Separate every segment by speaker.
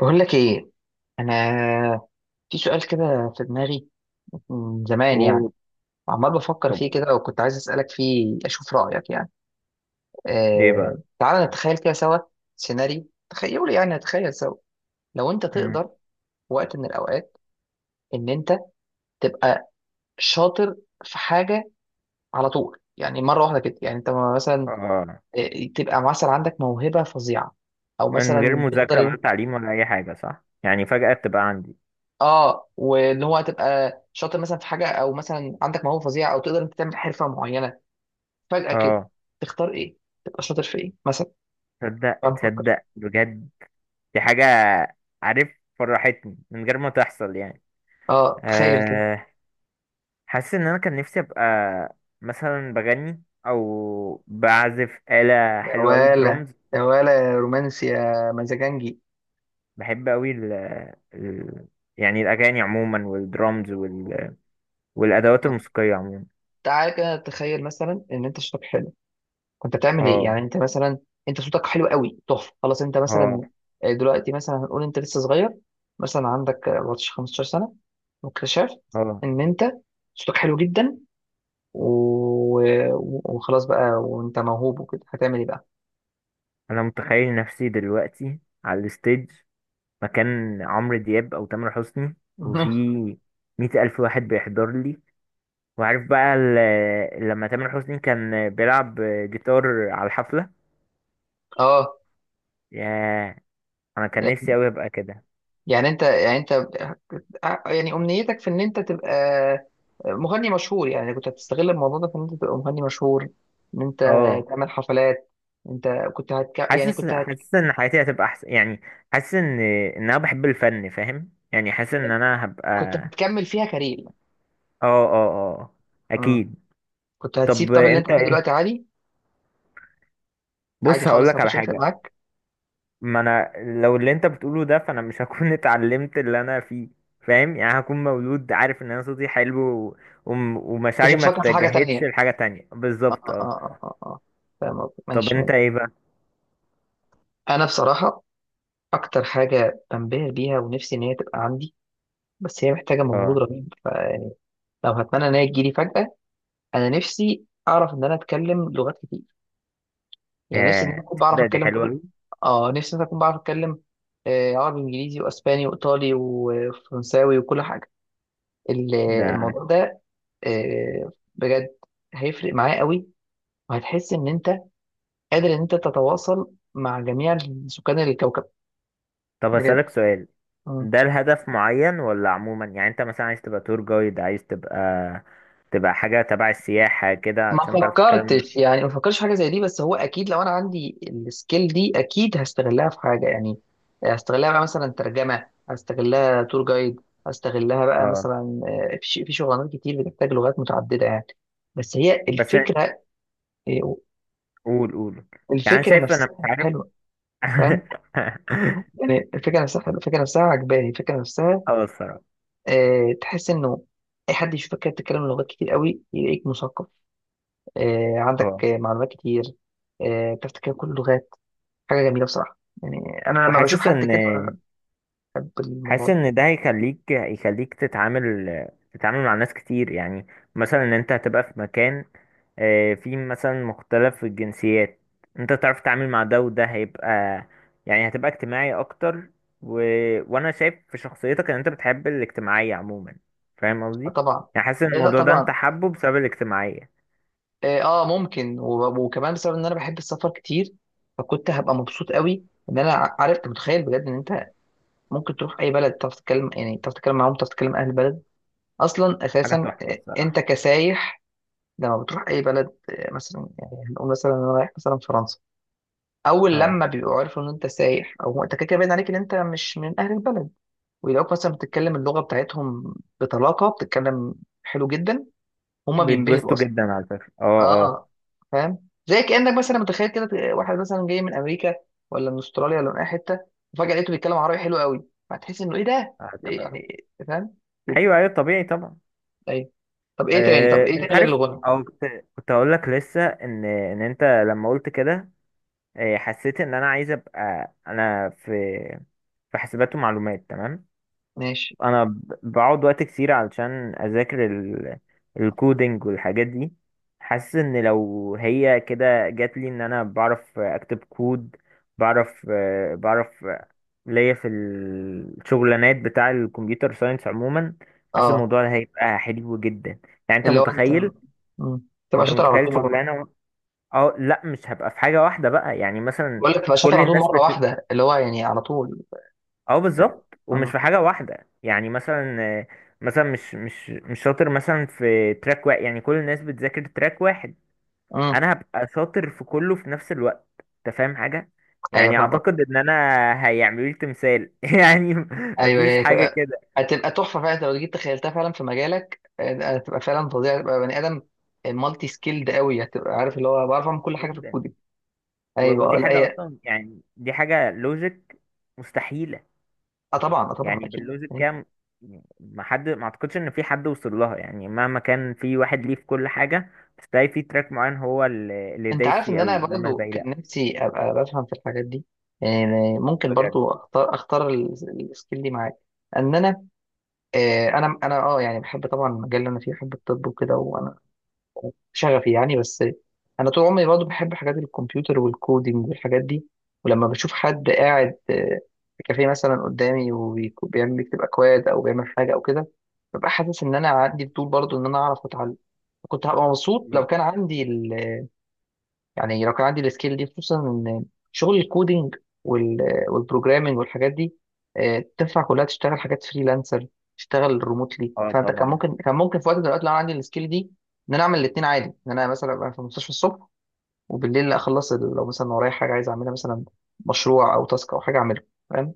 Speaker 1: بقول لك ايه. انا في سؤال كده في دماغي من زمان يعني،
Speaker 2: اوه.
Speaker 1: عمال بفكر
Speaker 2: طب،
Speaker 1: فيه كده وكنت عايز اسالك فيه اشوف رايك يعني.
Speaker 2: ايه بقى؟
Speaker 1: تعال نتخيل كده سوا، سيناريو تخيلوا يعني نتخيل سوا. لو انت
Speaker 2: مم.
Speaker 1: تقدر في وقت من الاوقات ان انت تبقى شاطر في حاجه على طول، يعني مره واحده كده، يعني انت مثلا
Speaker 2: اه،
Speaker 1: آه، تبقى مثلا عندك موهبه فظيعه او
Speaker 2: من غير
Speaker 1: مثلا
Speaker 2: مذاكرة
Speaker 1: تقدر.
Speaker 2: ولا تعليم ولا اي حاجة، صح؟ يعني فجأة تبقى عندي.
Speaker 1: اه واللي هو هتبقى شاطر مثلا في حاجه او مثلا عندك موهبه فظيعه او تقدر انت تعمل حرفه معينه فجاه كده.
Speaker 2: اه،
Speaker 1: تختار ايه؟ تبقى شاطر في ايه مثلا؟
Speaker 2: تصدق
Speaker 1: تعال نفكر.
Speaker 2: تصدق بجد، دي حاجة، عارف، فرحتني من غير ما تحصل يعني.
Speaker 1: اه تخيل كده.
Speaker 2: آه حاسس ان انا كان نفسي ابقى مثلا بغني او بعزف آلة
Speaker 1: يا
Speaker 2: حلوة قوي،
Speaker 1: ولا،
Speaker 2: درامز.
Speaker 1: يا ولا يا رومانسي يا مزاجنجي.
Speaker 2: بحب قوي ال يعني الاغاني عموما، والدرامز والادوات
Speaker 1: طب
Speaker 2: الموسيقية عموما.
Speaker 1: تعالى كده تخيل مثلا ان انت صوتك حلو. كنت بتعمل ايه يعني؟
Speaker 2: اه،
Speaker 1: انت مثلا انت صوتك حلو قوي تحفه خلاص انت
Speaker 2: اه،
Speaker 1: مثلا دلوقتي مثلا هنقول انت لسه صغير، مثلا عندك 14 15 سنه، واكتشفت
Speaker 2: اه.
Speaker 1: ان انت صوتك حلو جدا و- وخلاص بقى وانت موهوب وكده، هتعمل ايه بقى؟
Speaker 2: انا متخيل نفسي دلوقتي على الستيج، مكان عمرو دياب او تامر حسني، وفي 100,000 واحد بيحضر لي. وعارف بقى لما تامر حسني كان بيلعب جيتار على الحفلة،
Speaker 1: اه
Speaker 2: ياه، انا كان نفسي اوي ابقى كده.
Speaker 1: يعني انت اه، يعني امنيتك في ان انت تبقى مغني مشهور؟ يعني كنت هتستغل الموضوع ده في ان انت تبقى مغني مشهور، ان انت
Speaker 2: اه،
Speaker 1: تعمل حفلات؟ انت كنت هتك... يعني
Speaker 2: حاسس
Speaker 1: كنت هت...
Speaker 2: حاسس ان حياتي هتبقى احسن يعني، حاسس ان انا بحب الفن، فاهم يعني، حاسس ان انا هبقى
Speaker 1: كنت هتكمل فيها كارير؟
Speaker 2: اه، اه، آه،
Speaker 1: امم
Speaker 2: اكيد.
Speaker 1: كنت هتسيب
Speaker 2: طب،
Speaker 1: طب اللي انت
Speaker 2: انت
Speaker 1: فيه دلوقتي
Speaker 2: ايه؟
Speaker 1: عادي؟ عادي
Speaker 2: بص،
Speaker 1: خالص ما
Speaker 2: هقولك على
Speaker 1: كانش هيفرق
Speaker 2: حاجة.
Speaker 1: معاك؟
Speaker 2: ما انا، لو اللي انت بتقوله ده فانا مش هكون اتعلمت اللي انا فيه، فاهم يعني، هكون مولود عارف ان انا صوتي حلو و...
Speaker 1: كنت
Speaker 2: ومشاعري ما
Speaker 1: هتفكر في حاجة
Speaker 2: اتجهتش
Speaker 1: تانية؟
Speaker 2: لحاجة تانية
Speaker 1: اه
Speaker 2: بالظبط،
Speaker 1: اه
Speaker 2: اه.
Speaker 1: اه اه اه، فاهم قصدك.
Speaker 2: طب،
Speaker 1: ماشي.
Speaker 2: انت ايه بقى؟
Speaker 1: انا بصراحة أكتر حاجة بنبهر بيها ونفسي إن هي تبقى عندي، بس هي محتاجة مجهود
Speaker 2: اه،
Speaker 1: رهيب فيعني لو هتمنى إن هي تجيلي فجأة، أنا نفسي أعرف إن أنا أتكلم لغات كتير. يعني نفسي إن
Speaker 2: يا،
Speaker 1: أنا أكون بعرف
Speaker 2: تصدق، دي
Speaker 1: أتكلم
Speaker 2: حلوة
Speaker 1: كل،
Speaker 2: أوي.
Speaker 1: آه نفسي إن أنا أكون بعرف أتكلم عربي وإنجليزي وأسباني وإيطالي وفرنساوي وكل حاجة. ال-
Speaker 2: ده
Speaker 1: الموضوع ده بجد هيفرق معايا قوي، وهتحس إن أنت قادر إن أنت تتواصل مع جميع سكان الكوكب
Speaker 2: طب،
Speaker 1: بجد.
Speaker 2: هسألك سؤال، ده الهدف معين ولا عموما؟ يعني انت مثلا عايز تبقى تور جايد، عايز تبقى حاجة تبع السياحة كده
Speaker 1: ما
Speaker 2: علشان تعرف تتكلم مع-.
Speaker 1: فكرتش يعني، ما فكرتش في حاجه زي دي، بس هو اكيد لو انا عندي السكيل دي اكيد هستغلها في حاجه يعني. هستغلها بقى مثلا ترجمه، هستغلها تور جايد، هستغلها بقى
Speaker 2: اه،
Speaker 1: مثلا في في شغلانات كتير بتحتاج لغات متعدده يعني. بس هي
Speaker 2: بس
Speaker 1: الفكره آه،
Speaker 2: قول قول، يعني أنا
Speaker 1: الفكره
Speaker 2: شايف، انا مش
Speaker 1: نفسها
Speaker 2: عارف
Speaker 1: حلوه، فاهم؟ يعني الفكره نفسها حلوة، الفكره نفسها عجباني، الفكره نفسها
Speaker 2: اه، الصراحة.
Speaker 1: تحس انه اي حد يشوفك كده بتتكلم لغات كتير قوي يلاقيك مثقف، عندك
Speaker 2: اه،
Speaker 1: معلومات كتير، بتعرف تتكلم كل اللغات. حاجه جميله بصراحه، يعني انا لما بشوف
Speaker 2: وحاسس
Speaker 1: حد
Speaker 2: ان
Speaker 1: كده بحب الموضوع
Speaker 2: حاسس
Speaker 1: ده.
Speaker 2: ان ده هيخليك تتعامل مع ناس كتير يعني، مثلا ان انت هتبقى في مكان فيه مثلا مختلف الجنسيات، انت تعرف تتعامل مع ده، وده هيبقى، يعني هتبقى اجتماعي اكتر و... وانا شايف في شخصيتك ان انت بتحب الاجتماعية عموما، فاهم
Speaker 1: آه
Speaker 2: قصدي؟
Speaker 1: طبعا.
Speaker 2: يعني حاسس ان
Speaker 1: آه لا
Speaker 2: الموضوع ده انت
Speaker 1: طبعا
Speaker 2: حابه بسبب الاجتماعية.
Speaker 1: اه، ممكن وب- وكمان بسبب ان انا بحب السفر كتير، فكنت هبقى مبسوط قوي ان انا عارف انت متخيل بجد ان انت ممكن تروح اي بلد تعرف تتكلم، يعني تعرف تتكلم معاهم، تعرف تتكلم اهل البلد اصلا
Speaker 2: حاجة
Speaker 1: اساسا.
Speaker 2: تحفة
Speaker 1: انت
Speaker 2: الصراحة.
Speaker 1: كسايح لما بتروح اي بلد مثلا، يعني هنقول مثلا انا رايح مثلا فرنسا، اول
Speaker 2: اه،
Speaker 1: لما بيبقوا عارفوا ان انت سايح او انت كده كده باين عليك ان انت مش من اهل البلد، ولو مثلا بتتكلم اللغه بتاعتهم بطلاقه بتتكلم، حلو جدا، هما بينبهروا
Speaker 2: بيتبسطوا
Speaker 1: اصلا.
Speaker 2: جدا على فكرة، اه، اه.
Speaker 1: اه فاهم؟ زي كانك مثلا متخيل كده واحد مثلا جاي من امريكا ولا من استراليا ولا من اي حته، وفجاه لقيته بيتكلم عربي حلو قوي، هتحس انه ايه ده. إيه
Speaker 2: أتفق.
Speaker 1: يعني، فاهم كده؟
Speaker 2: ايوه، ايوه، طبيعي طبعا.
Speaker 1: ايوه. طب ايه تاني؟ طب ايه تاني
Speaker 2: انت
Speaker 1: غير
Speaker 2: عارف،
Speaker 1: الغنى؟
Speaker 2: او كنت كنت اقول لك لسه ان ان انت لما قلت كده، حسيت ان انا عايز ابقى، انا في حاسبات ومعلومات، تمام.
Speaker 1: ماشي.
Speaker 2: انا بقعد وقت كتير علشان اذاكر الكودينج والحاجات دي. حاسس ان لو هي كده جات لي، ان انا بعرف اكتب كود، بعرف آه، بعرف آه، ليا في الشغلانات بتاع الكمبيوتر ساينس عموما. حاسس
Speaker 1: اه
Speaker 2: الموضوع ده هيبقى حلو جدا، يعني انت
Speaker 1: اللي هو انت
Speaker 2: متخيل
Speaker 1: مم. تبقى شاطر على طول مره واحدة.
Speaker 2: شغلانه اه، لا، مش هبقى في حاجه واحده بقى، يعني مثلا،
Speaker 1: بقول لك تبقى شاطر
Speaker 2: كل
Speaker 1: على طول
Speaker 2: الناس
Speaker 1: مره
Speaker 2: بت-.
Speaker 1: واحده اللي هو يعني على طول.
Speaker 2: اه، بالظبط، ومش
Speaker 1: اه.
Speaker 2: في حاجه واحده، يعني مثلا، مثلا مش شاطر مثلا في تراك واحد، يعني كل الناس بتذاكر تراك واحد،
Speaker 1: امم
Speaker 2: انا هبقى شاطر في كله في نفس الوقت. انت فاهم حاجه؟
Speaker 1: ايوه
Speaker 2: يعني
Speaker 1: فاهم.
Speaker 2: اعتقد ان انا هيعملوا لي تمثال يعني،
Speaker 1: ايوه
Speaker 2: مفيش
Speaker 1: هي
Speaker 2: حاجه
Speaker 1: هتبقى،
Speaker 2: كده
Speaker 1: هتبقى تحفه فعلا. أنت لو جيت تخيلتها فعلا في مجالك هتبقى فعلا فظيعه، هتبقى بني ادم مالتي سكيلد قوي، هتبقى عارف اللي هو بعرف اعمل كل حاجه في
Speaker 2: جدا.
Speaker 1: الكودينج. ايوه
Speaker 2: ودي
Speaker 1: لا
Speaker 2: حاجه
Speaker 1: هي.
Speaker 2: اصلا، يعني دي حاجه لوجيك، مستحيل.
Speaker 1: اه طبعا، اه طبعا
Speaker 2: يعني
Speaker 1: اكيد
Speaker 2: باللوز
Speaker 1: يعني.
Speaker 2: الكام، ما حد، ما اعتقدش ان في حد وصل لها، يعني مهما كان في واحد ليه في كل حاجه، بس تلاقي في تراك معين هو اللي
Speaker 1: انت
Speaker 2: دايس
Speaker 1: عارف
Speaker 2: فيه
Speaker 1: ان
Speaker 2: قوي،
Speaker 1: انا
Speaker 2: انما
Speaker 1: برضو
Speaker 2: الباقي لا.
Speaker 1: كان نفسي ابقى بفهم في الحاجات دي، يعني ممكن
Speaker 2: بجد.
Speaker 1: برضو اختار السكيل دي معاك، ان انا انا انا يعني بحب طبعا المجال اللي انا فيه، بحب الطب وكده، شغفي يعني، بس انا طول عمري برضه بحب حاجات الكمبيوتر والكودينج والحاجات دي. ولما بشوف حد قاعد في كافيه مثلا قدامي وبيعمل بيكتب اكواد او بيعمل حاجه او كده، ببقى حاسس ان انا عندي فضول برضه ان انا اعرف اتعلم. كنت هبقى مبسوط لو كان عندي، يعني لو كان عندي السكيل دي، خصوصا ان شغل الكودينج وال- والبروجرامينج والحاجات دي تنفع كلها تشتغل حاجات فريلانسر، تشتغل ريموتلي،
Speaker 2: اه،
Speaker 1: فانت كان
Speaker 2: طبعا.
Speaker 1: ممكن كان ممكن في وقت من الاوقات لو أنا عندي السكيل دي ان انا اعمل الاثنين عادي، ان انا مثلا ابقى في المستشفى الصبح وبالليل اخلص لو مثلا ورايا حاجه عايز اعملها، مثلا مشروع او تاسك او حاجه اعملها، فاهم؟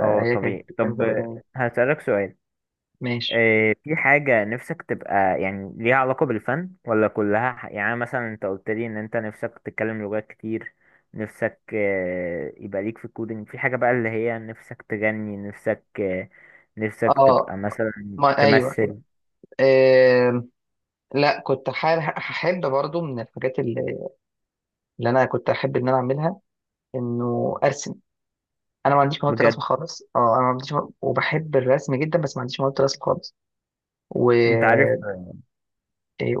Speaker 2: اه،
Speaker 1: كانت
Speaker 2: طبيعي. طب،
Speaker 1: تبقى جميله.
Speaker 2: هسألك سؤال،
Speaker 1: ماشي.
Speaker 2: إيه، في حاجة نفسك تبقى، يعني ليها علاقة بالفن، ولا كلها يعني مثلا، انت قلت لي ان انت نفسك تتكلم لغات كتير، نفسك يبقى ليك في الكودينج، في حاجة بقى اللي هي نفسك تغني، نفسك نفسك
Speaker 1: اه
Speaker 2: تبقى مثلا
Speaker 1: ما ايوه،
Speaker 2: تمثل.
Speaker 1: آه لا كنت حابب احب برضو من الحاجات اللي انا كنت احب ان انا اعملها انه ارسم. انا ما عنديش مهاره الرسم
Speaker 2: بجد.
Speaker 1: خالص. اه انا ما عنديش وبحب الرسم جدا بس ما عنديش مهاره الرسم خالص. و
Speaker 2: انت عارف
Speaker 1: إيه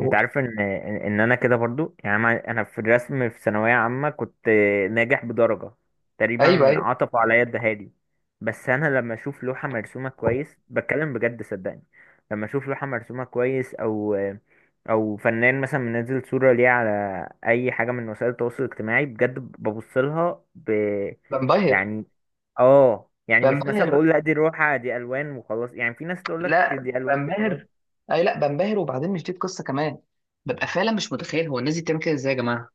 Speaker 2: انت عارف ان ان إن انا كده برضو، يعني أنا في الرسم في ثانويه عامه، كنت ناجح بدرجه،
Speaker 1: ايوه
Speaker 2: تقريبا
Speaker 1: ايوه
Speaker 2: عطفوا عليا الدهالي. بس انا لما اشوف لوحه مرسومه كويس، بتكلم بجد، صدقني، لما اشوف لوحه مرسومه كويس، او فنان مثلا منزل صوره ليه على اي حاجه من وسائل التواصل الاجتماعي، بجد ببص لها
Speaker 1: بنبهر،
Speaker 2: يعني. اه، يعني مش مثلا
Speaker 1: بنبهر.
Speaker 2: بقول لا دي روحه دي الوان وخلاص، يعني في ناس تقول لك
Speaker 1: لا
Speaker 2: دي الوان وخلاص.
Speaker 1: بنبهر، اي لا بنبهر، وبعدين مش دي القصه كمان. ببقى فعلا مش متخيل هو الناس دي بتعمل كده ازاي يا جماعه.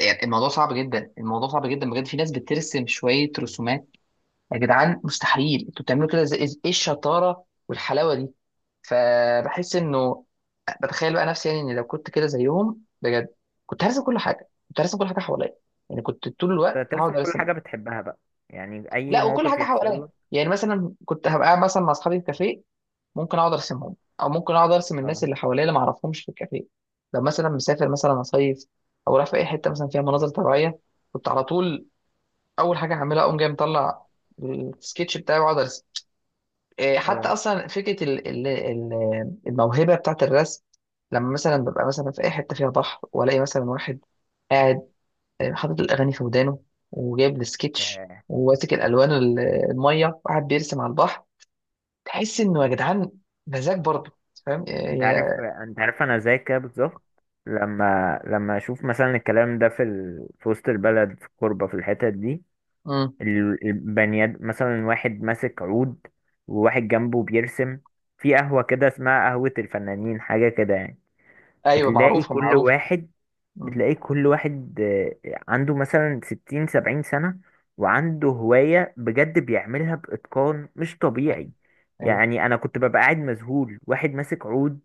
Speaker 1: يعني الموضوع صعب جدا، الموضوع صعب جدا بجد، في ناس بترسم شويه رسومات، يا جدعان مستحيل انتوا بتعملوا كده ازاي؟ ايه الشطاره والحلاوه دي؟ فبحس انه، بتخيل بقى نفسي يعني ان لو كنت كده زيهم بجد، كنت هرسم كل حاجه، كنت هرسم كل حاجه حواليا، يعني كنت طول الوقت
Speaker 2: ترسم
Speaker 1: هقعد
Speaker 2: كل
Speaker 1: ارسم.
Speaker 2: حاجة بتحبها بقى، يعني أي
Speaker 1: لا وكل
Speaker 2: موقف
Speaker 1: حاجه
Speaker 2: يحصل
Speaker 1: حواليا.
Speaker 2: لك.
Speaker 1: يعني مثلا كنت هبقى قاعد مثلا مع اصحابي في كافيه ممكن اقعد ارسمهم، او ممكن اقعد ارسم الناس
Speaker 2: اه،
Speaker 1: اللي حواليا اللي ما اعرفهمش في الكافيه. لو مثلا مسافر مثلا اصيف او رايح في اي حته مثلا فيها مناظر طبيعيه، كنت على طول اول حاجه هعملها اقوم جاي مطلع السكتش بتاعي واقعد ارسم. إيه، حتى
Speaker 2: اه.
Speaker 1: اصلا فكره الموهبه بتاعت الرسم، لما مثلا ببقى مثلا في اي حته فيها بحر والاقي مثلا واحد قاعد حاطط الاغاني في ودانه وجايب السكتش
Speaker 2: آه،
Speaker 1: وماسك الالوان الميه وقاعد بيرسم على البحر، تحس انه يا جدعان مزاج برضه. فاهم إيه،
Speaker 2: انت عارف،
Speaker 1: يا،
Speaker 2: انا زي كده بالظبط. لما اشوف مثلا الكلام ده في في وسط البلد، في الكوربة، في الحتت دي،
Speaker 1: مم.
Speaker 2: البنياد، مثلا واحد ماسك عود، وواحد جنبه بيرسم، في قهوة كده اسمها قهوة الفنانين، حاجة كده يعني.
Speaker 1: ايوه
Speaker 2: بتلاقي
Speaker 1: معروفه
Speaker 2: كل
Speaker 1: معروفه.
Speaker 2: واحد
Speaker 1: مم.
Speaker 2: بتلاقيه كل واحد، عنده مثلا 60 70 سنة، وعنده هواية بجد بيعملها بإتقان مش طبيعي.
Speaker 1: ايوه
Speaker 2: يعني أنا كنت ببقى قاعد مذهول، واحد ماسك عود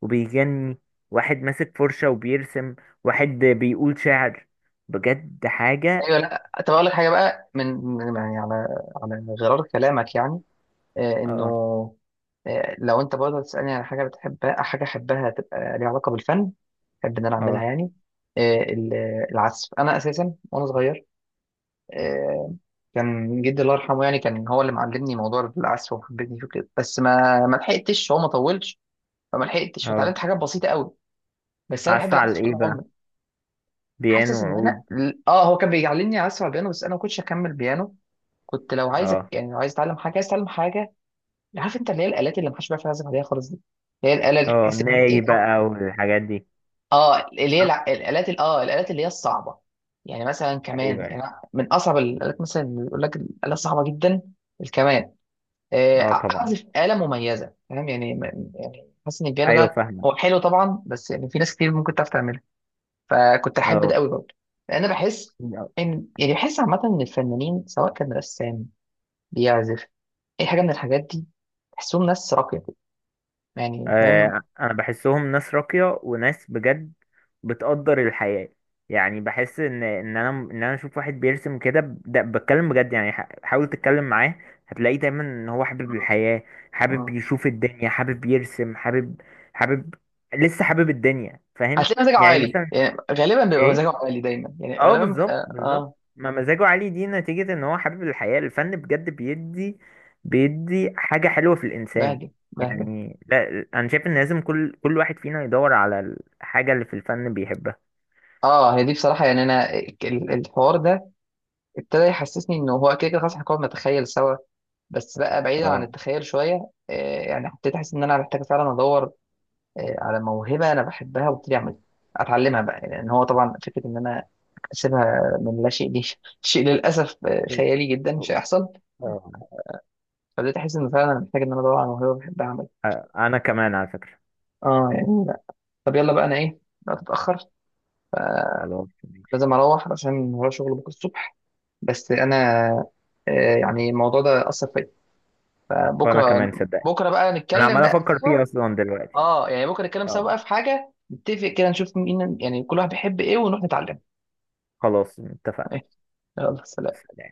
Speaker 2: وبيغني، واحد ماسك فرشة وبيرسم، واحد بيقول شعر، بجد حاجة.
Speaker 1: ايوه. لا طب اقول لك حاجه بقى يعني على على غرار كلامك يعني انه
Speaker 2: اه،
Speaker 1: لو انت برضه تسألني على حاجة بتحبها، حاجة احبها تبقى ليها علاقة بالفن، احب ان انا اعملها
Speaker 2: اه،
Speaker 1: يعني، آه، ال- العزف. انا اساسا وانا صغير آه، كان جدي الله يرحمه يعني كان هو اللي معلمني موضوع العزف وحببني فيه كده، بس ما لحقتش، هو ما طولش، فما لحقتش
Speaker 2: اه.
Speaker 1: فتعلمت حاجات بسيطة قوي، بس انا بحب
Speaker 2: عزف على
Speaker 1: العزف طول
Speaker 2: ايه بقى،
Speaker 1: عمري. حاسس
Speaker 2: بيانو
Speaker 1: ان
Speaker 2: وعود؟
Speaker 1: انا، اه هو كان بيعلمني عزف على البيانو بس انا ما كنتش اكمل بيانو. كنت لو عايزك
Speaker 2: اه،
Speaker 1: يعني لو عايز اتعلم حاجة عايز اتعلم حاجة، عارف انت اللي هي الالات اللي محدش بيعرف يعزف عليها خالص دي، اللي هي الاله اللي
Speaker 2: اه،
Speaker 1: تحس ان إيه؟
Speaker 2: ناي بقى والحاجات دي.
Speaker 1: اه اللي هي
Speaker 2: صح؟
Speaker 1: الالات الالات اللي هي الصعبه يعني، مثلا كمان
Speaker 2: ايوه،
Speaker 1: يعني
Speaker 2: أيوة.
Speaker 1: من اصعب الالات مثلا اللي يقول لك الاله صعبه جدا، الكمان.
Speaker 2: اه، طبعا.
Speaker 1: اعزف اله مميزه، فاهم يعني؟ يعني حاسس ان البيانو
Speaker 2: ايوه،
Speaker 1: ده
Speaker 2: فاهمة.
Speaker 1: هو حلو طبعا بس يعني في ناس كتير ممكن تعرف تعملها، فكنت احب ده
Speaker 2: اه،
Speaker 1: قوي برضه، لان بحس ان، يعني بحس عامه ان الفنانين سواء كان رسام، بيعزف، اي حاجه من الحاجات دي، تحسهم ناس راقيه كده. يعني فاهم.
Speaker 2: انا بحسهم ناس راقية وناس بجد بتقدر الحياة. يعني بحس ان انا اشوف واحد بيرسم كده ده بتكلم بجد، يعني حاول تتكلم معاه، هتلاقيه دايما ان هو حابب الحياة، حابب
Speaker 1: اه
Speaker 2: يشوف الدنيا، حابب يرسم، حابب لسه حابب الدنيا، فاهم
Speaker 1: هتلاقي مزاجه
Speaker 2: يعني
Speaker 1: عالي
Speaker 2: مثلا.
Speaker 1: يعني، غالبا بيبقى مزاجه
Speaker 2: ايه.
Speaker 1: عالي دايما يعني،
Speaker 2: اه،
Speaker 1: غالبا
Speaker 2: بالظبط،
Speaker 1: بيبقى
Speaker 2: بالظبط،
Speaker 1: اه.
Speaker 2: ما مزاجه عالي دي نتيجة ان هو حابب الحياة. الفن بجد بيدي حاجة حلوة في الانسان،
Speaker 1: بهدى بهدى.
Speaker 2: يعني لا، انا شايف ان لازم كل واحد فينا يدور على الحاجة اللي في الفن بيحبها.
Speaker 1: اه هي دي بصراحه، يعني انا الحوار ده ابتدى يحسسني انه هو كده كده خلاص، احنا كنا بنتخيل سوا، بس بقى بعيدا عن
Speaker 2: اه.
Speaker 1: التخيل شويه آه، يعني ابتديت احس ان انا محتاج فعلا ادور على موهبه انا بحبها وابتدي اعملها، اتعلمها بقى، لان يعني ان هو طبعا فكره ان انا اسيبها من لا شيء دي شيء للاسف خيالي جدا مش هيحصل.
Speaker 2: اه.
Speaker 1: فبدأت احس ان فعلا محتاج ان انا ادور على موهبه بحبها اعملها.
Speaker 2: انا كمان على فكرة،
Speaker 1: اه يعني طب يلا بقى، انا ايه بقى، تتاخر،
Speaker 2: خلاص ماشي.
Speaker 1: لازم اروح عشان ورايا شغل بكره الصبح. بس انا يعني الموضوع ده اثر فيا،
Speaker 2: وانا
Speaker 1: فبكره،
Speaker 2: كمان صدقني،
Speaker 1: بكره بقى
Speaker 2: انا
Speaker 1: نتكلم
Speaker 2: عمال
Speaker 1: بقى
Speaker 2: افكر
Speaker 1: سوا.
Speaker 2: فيه اصلا دلوقتي.
Speaker 1: اه يعني بكره نتكلم سوا
Speaker 2: اه،
Speaker 1: بقى، في حاجه نتفق كده نشوف مين يعني كل واحد بيحب ايه ونروح نتعلم.
Speaker 2: خلاص اتفقنا.
Speaker 1: يلا سلام.
Speaker 2: سلام.